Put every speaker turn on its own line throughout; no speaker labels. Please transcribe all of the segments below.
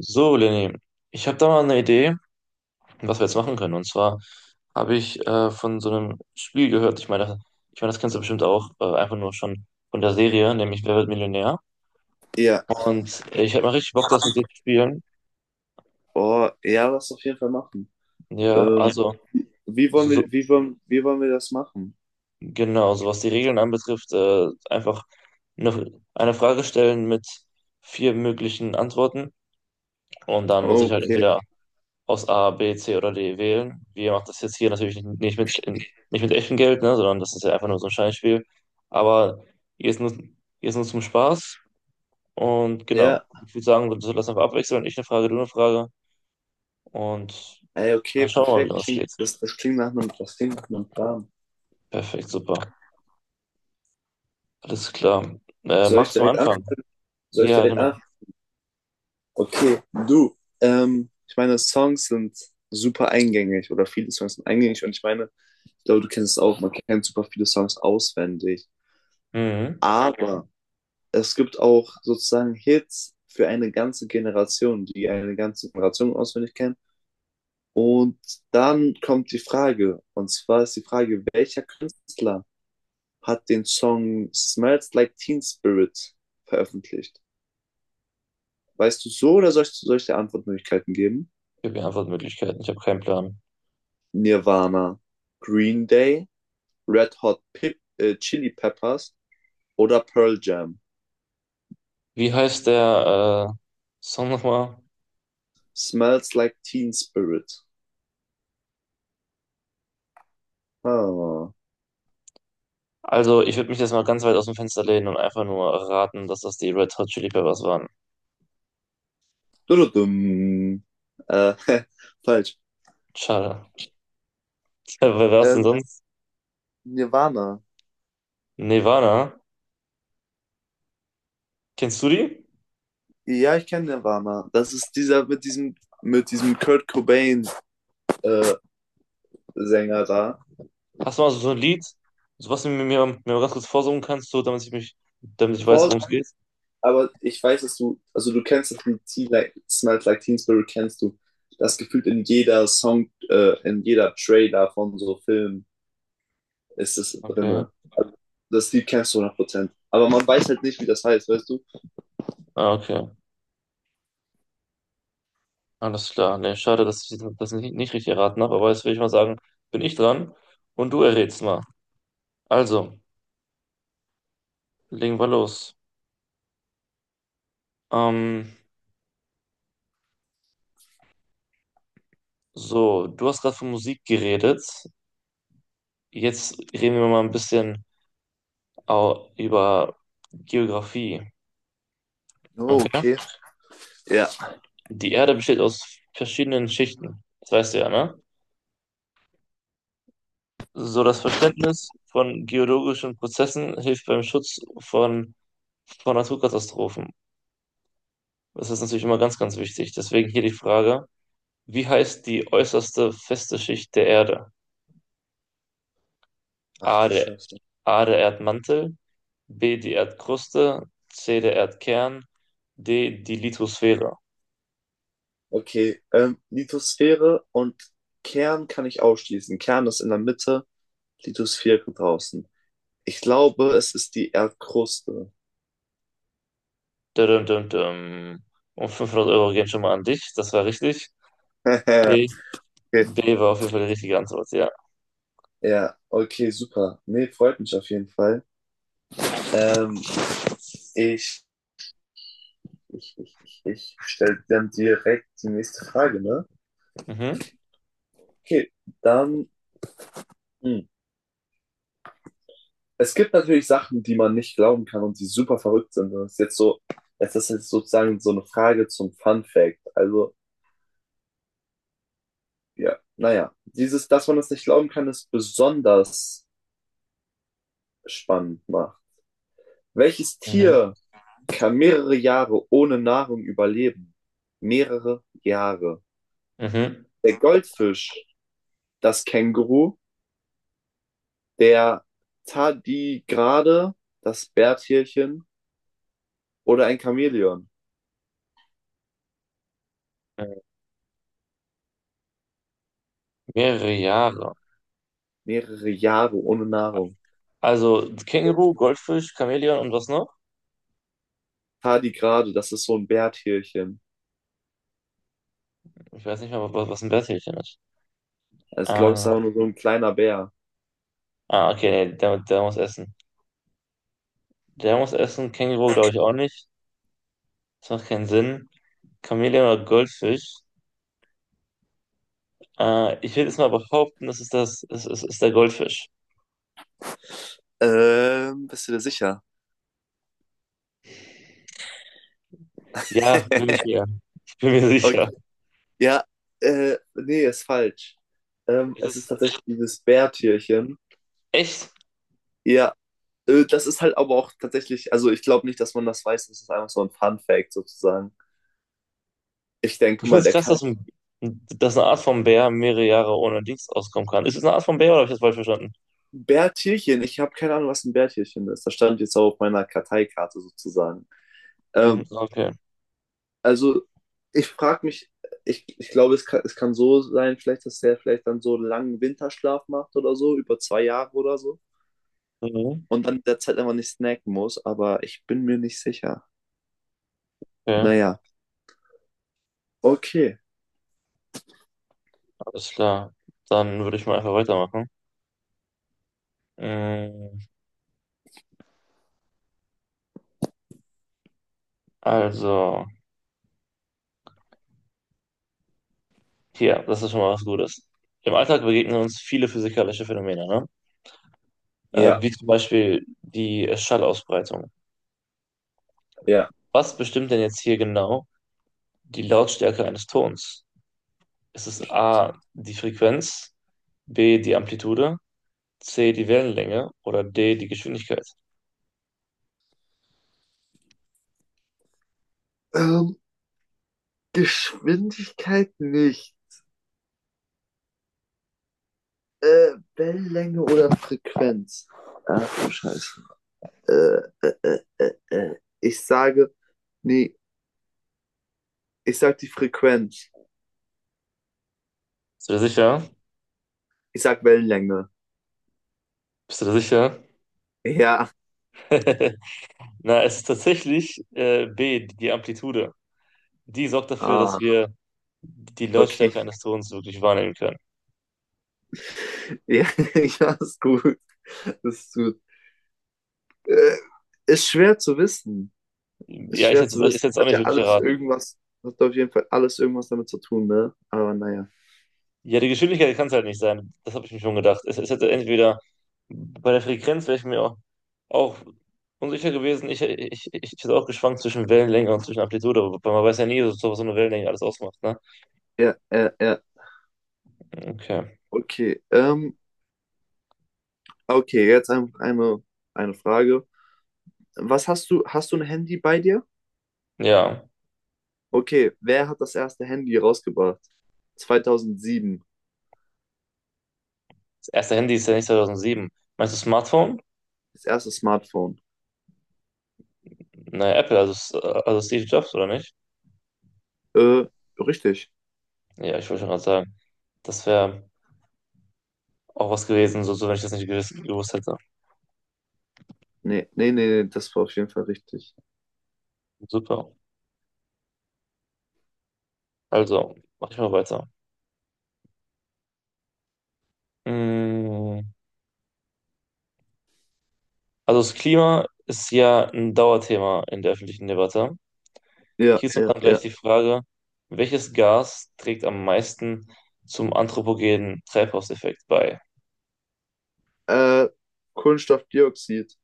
So, Lenny, ich habe da mal eine Idee, was wir jetzt machen können. Und zwar habe ich von so einem Spiel gehört. Ich meine, das kennst du bestimmt auch, einfach nur schon von der Serie, nämlich Wer wird Millionär?
Ja,
Und ich hätte mal richtig Bock, das mit dir zu spielen.
oh, ja, lass auf jeden Fall machen.
Ja,
Ähm, Ja.
also,
wie wollen
so, so,
wir, wie wollen, wie wollen wir das machen?
genau, so was die Regeln anbetrifft, einfach eine Frage stellen mit vier möglichen Antworten. Und dann muss ich halt
Okay.
entweder aus A, B, C oder D wählen. Wir machen das jetzt hier natürlich nicht mit echtem Geld, ne, sondern das ist ja einfach nur so ein Scheinspiel. Aber hier ist nur zum Spaß. Und genau,
Ja,
ich würde sagen, wir sollten das einfach abwechseln. Ich eine Frage, du eine Frage. Und
ey, okay,
dann schauen wir
perfekt.
mal, wie das
Klingt-
geht.
Das, das klingt nach einem, das klingt nach einem Plan.
Perfekt, super. Alles klar.
Soll ich
Magst du
direkt anfangen?
anfangen?
Soll ich
Ja,
direkt
genau.
anfangen? Okay, du. Ich meine, Songs sind super eingängig oder viele Songs sind eingängig, und ich meine, ich glaube, du kennst es auch, man kennt super viele Songs auswendig.
Mhm.
Aber es gibt auch sozusagen Hits für eine ganze Generation, die eine ganze Generation auswendig kennt. Und dann kommt die Frage, und zwar ist die Frage, welcher Künstler hat den Song Smells Like Teen Spirit veröffentlicht? Weißt du so, oder soll ich dir Antwortmöglichkeiten geben?
Ich habe hier Antwortmöglichkeiten. Ich habe keinen Plan.
Nirvana, Green Day, Red Hot Chili Peppers oder Pearl Jam?
Wie heißt der Song nochmal?
Smells Like Teen Spirit. Ah.
Also, ich würde mich jetzt mal ganz weit aus dem Fenster lehnen und einfach nur raten, dass das die Red Hot Chili Peppers waren.
Dududum. Äh, falsch.
Schade. Wer war es denn
Ähm,
sonst?
Nirvana.
Nirvana? Kennst du die?
Ja, ich kenne Nirvana. Das ist dieser mit mit diesem Kurt Cobain äh, Sänger da.
Hast du mal so ein Lied, so was du mir mal ganz kurz vorsummen kannst, so, damit damit ich weiß,
Vorsicht,
worum es geht?
aber ich weiß, dass du, also du kennst das Lied Smells Like Teen Spirit, kennst du. Das gefühlt in jeder in jeder Trailer von so Filmen ist es
Okay.
drinne. Das Lied kennst du hundert Prozent. Aber man weiß halt nicht, wie das heißt, weißt du?
Ah, okay. Alles klar. Nee, schade, dass ich das nicht richtig erraten habe, aber jetzt will ich mal sagen, bin ich dran und du errätst mal. Also, legen wir los. Ähm, so, du hast gerade von Musik geredet. Jetzt reden wir mal ein bisschen. Über Geografie.
Oh,
Okay.
okay. Ja.
Die Erde besteht aus verschiedenen Schichten. Das weißt du ja, ne? So das Verständnis von geologischen Prozessen hilft beim von Naturkatastrophen. Das ist natürlich immer ganz, ganz wichtig. Deswegen hier die Frage, wie heißt die äußerste feste Schicht der Erde?
Ach
A,
du
der,
Scheiße.
A, der Erdmantel, B, die Erdkruste, C, der Erdkern, D, die Lithosphäre.
Okay, Lithosphäre und Kern kann ich ausschließen. Kern ist in der Mitte, Lithosphäre draußen. Ich glaube, es ist die Erdkruste.
Düm, düm, düm. Und 500 € gehen schon mal an dich. Das war richtig. B,
Okay.
B war auf jeden Fall die richtige Antwort, ja.
Ja, okay, super. Nee, freut mich auf jeden Fall. Ähm, ich, ich stelle dann direkt die nächste Frage, ne?
Mhm,
Okay, dann, hm. Es gibt natürlich Sachen, die man nicht glauben kann und die super verrückt sind. Das ist jetzt sozusagen so eine Frage zum Fun Fact. Also, ja, naja, dieses, dass man das nicht glauben kann, ist besonders spannend macht. Welches
mhm,
Tier kann mehrere Jahre ohne Nahrung überleben. Mehrere Jahre.
mhm.
Der Goldfisch, das Känguru, der Tardigrade, das Bärtierchen oder ein Chamäleon.
Mhm. Mehrere Jahre.
Mehrere Jahre ohne Nahrung.
Also Känguru, Goldfisch, Chamäleon und was noch?
Tardigrade, das ist so ein Bärtierchen.
Ich weiß nicht mal, was ein Bärtierchen ist.
Also, ich glaube, es
Ähm,
ist aber nur so ein kleiner Bär.
ah, okay, nee, der muss essen. Der muss essen. Känguru glaube ich auch nicht. Das macht keinen Sinn. Chamäleon oder Goldfisch? Ich will jetzt mal behaupten, das ist das, es ist, ist der Goldfisch.
Bist du dir sicher?
Ja, bin ich mir. Ich bin mir sicher.
Okay. Ja, nee, ist falsch.
Es
Es ist
ist
tatsächlich dieses Bärtierchen.
echt.
Ja, das ist halt aber auch tatsächlich, also ich glaube nicht, dass man das weiß, das ist einfach so ein Fun Fact sozusagen. Ich denke
Ich finde
mal,
es
der
krass,
kann
dass eine Art von Bär mehrere Jahre ohne Dings auskommen kann. Ist es eine Art von Bär oder habe ich das falsch verstanden?
Bärtierchen, ich habe keine Ahnung, was ein Bärtierchen ist. Das stand jetzt auch auf meiner Karteikarte sozusagen.
Mhm,
Ähm,
okay.
also ich frage mich, ich glaube, es kann so sein, vielleicht, dass der vielleicht dann so einen langen Winterschlaf macht oder so, über zwei Jahre oder so.
Mhm,
Und dann in der Zeit einfach nicht snacken muss, aber ich bin mir nicht sicher.
okay,
Naja, okay.
alles klar. Dann würde ich mal einfach weitermachen. Mm, also, hier, das ist schon mal was Gutes. Im Alltag begegnen uns viele physikalische Phänomene, ne?
Ja,
Wie zum Beispiel die Schallausbreitung.
ja.
Was bestimmt denn jetzt hier genau die Lautstärke eines Tons? Ist es A, die Frequenz, B, die Amplitude? C, die Wellenlänge oder D, die Geschwindigkeit.
Ähm, Geschwindigkeit nicht. Wellenlänge oder Frequenz? Ach du Scheiße. Äh, äh, äh, äh, äh. Ich sage, nee, ich sag die Frequenz.
Bist du da sicher?
Ich sag Wellenlänge.
Bist du da sicher?
Ja,
Na, es ist tatsächlich B, die Amplitude. Die sorgt dafür, dass
ah,
wir die
okay.
Lautstärke eines Tons wirklich wahrnehmen können.
Ja, ja, ist gut. Ist gut. Äh, ist schwer zu wissen. Ist
Ja,
schwer zu
ich
wissen.
hätte es auch
Hat
nicht
ja
wirklich
alles
erraten.
irgendwas, hat auf jeden Fall alles irgendwas damit zu tun, ne? Aber naja.
Ja, die Geschwindigkeit kann es halt nicht sein. Das habe ich mir schon gedacht. Es hätte entweder bei der Frequenz wäre ich mir auch unsicher gewesen. Ich hätte auch geschwankt zwischen Wellenlänge und zwischen Amplitude, weil man weiß ja nie, so, was so eine Wellenlänge alles ausmacht. Ne?
Ja, ja, ja.
Okay.
Okay. Okay, jetzt eine Frage. Hast du ein Handy bei dir?
Ja.
Okay, wer hat das erste Handy rausgebracht? 2007.
Das erste Handy ist ja nicht 2007. Meinst du Smartphone?
Das erste Smartphone.
Naja, Apple, also, also Steve Jobs, oder nicht?
Äh, richtig.
Ja, ich wollte schon gerade sagen. Das wäre auch was gewesen, wenn ich das nicht gewiss, gewusst hätte.
Nee, nee, nee, nee, das war auf jeden Fall richtig.
Super. Also, mach ich mal weiter. Mm, also das Klima ist ja ein Dauerthema in der öffentlichen Debatte.
Ja,
Hierzu
ja,
dann gleich
ja.
die Frage, welches Gas trägt am meisten zum anthropogenen Treibhauseffekt bei?
Äh, Kohlenstoffdioxid.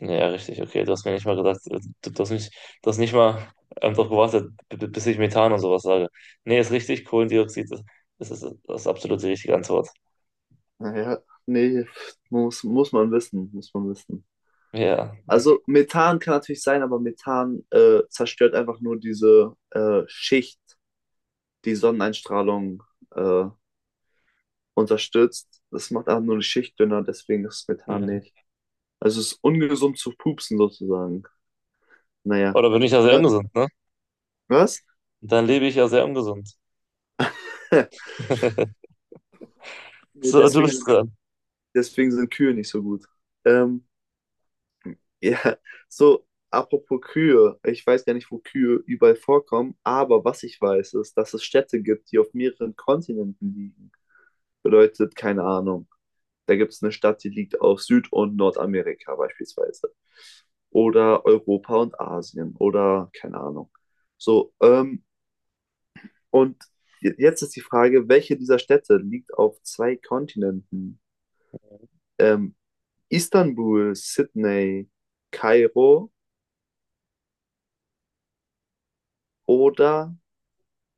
Ja, richtig, okay. Du hast mir nicht mal gesagt, du hast mich, du hast nicht mal darauf gewartet, bis ich Methan und sowas sage. Nee, ist richtig, Kohlendioxid ist absolut die richtige Antwort.
Naja, nee, muss man wissen, muss man wissen.
Ja.
Also Methan kann natürlich sein, aber Methan zerstört einfach nur diese Schicht, die Sonneneinstrahlung äh, unterstützt. Das macht einfach nur die Schicht dünner, deswegen ist Methan
Mhm.
nicht. Also es ist ungesund zu pupsen sozusagen. Naja.
Oder bin ich ja sehr
Ja.
ungesund, ne?
Was?
Dann lebe ich ja sehr ungesund.
Nee,
So, du bist dran.
deswegen sind Kühe nicht so gut. Ähm, ja, so, apropos Kühe. Ich weiß gar nicht, wo Kühe überall vorkommen, aber was ich weiß, ist, dass es Städte gibt, die auf mehreren Kontinenten liegen. Bedeutet, keine Ahnung. Da gibt es eine Stadt, die liegt auf Süd- und Nordamerika beispielsweise. Oder Europa und Asien. Oder keine Ahnung. So, und j- jetzt ist die Frage, welche dieser Städte liegt auf zwei Kontinenten? Ähm, Istanbul, Sydney, Kairo oder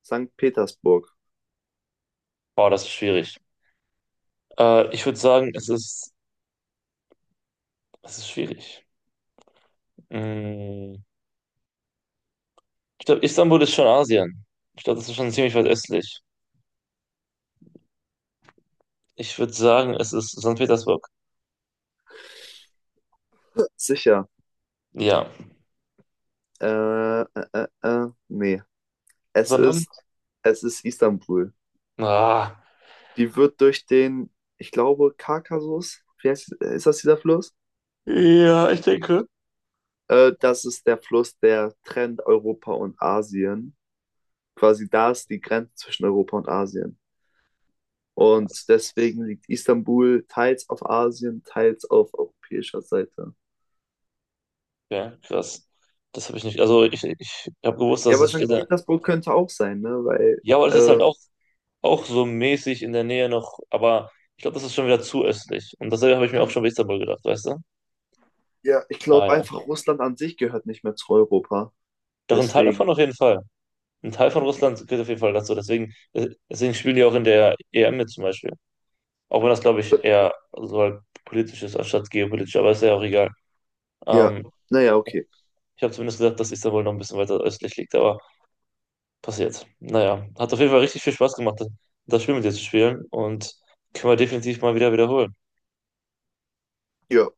Sankt Petersburg?
Boah, das ist schwierig. Ich würde sagen, es ist schwierig. Mm, ich glaube, Istanbul ist schon Asien. Ich glaube, das ist schon ziemlich weit östlich. Ich würde sagen, es ist Sankt Petersburg.
Sicher.
Ja.
Äh, äh, nee. Es
Sondern?
ist, es ist Istanbul.
Ah.
Die wird durch den, ich glaube, Kaukasus, wie heißt, ist das dieser Fluss?
Ja, ich denke.
Das ist der Fluss, der trennt Europa und Asien. Quasi da ist die Grenze zwischen Europa und Asien. Und
Krass.
deswegen liegt Istanbul teils auf Asien, teils auf europäischer Seite.
Ja, krass. Das habe ich nicht. Also ich habe gewusst,
Ja,
dass
aber
es steht.
Sankt Petersburg könnte auch sein, ne?
Ja, aber das ist auch so mäßig in der Nähe noch. Aber ich glaube, das ist schon wieder zu östlich. Und dasselbe habe ich mir auch schon bei Istanbul gedacht, weißt du?
Ja, ich
Ah
glaube
ja.
einfach, Russland an sich gehört nicht mehr zu Europa.
Doch ein Teil davon
Deswegen,
auf jeden Fall. Ein Teil von Russland gehört auf jeden Fall dazu. Deswegen spielen die auch in der EM mit zum Beispiel. Auch wenn das, glaube ich, eher so halt politisch ist, anstatt geopolitisch. Aber ist ja auch egal.
ja,
Ähm,
naja, okay.
ich habe zumindest gedacht, dass Istanbul noch ein bisschen weiter östlich liegt. Aber passiert. Naja, hat auf jeden Fall richtig viel Spaß gemacht, das Spiel mit dir zu spielen und können wir definitiv mal wieder wiederholen.
Ja,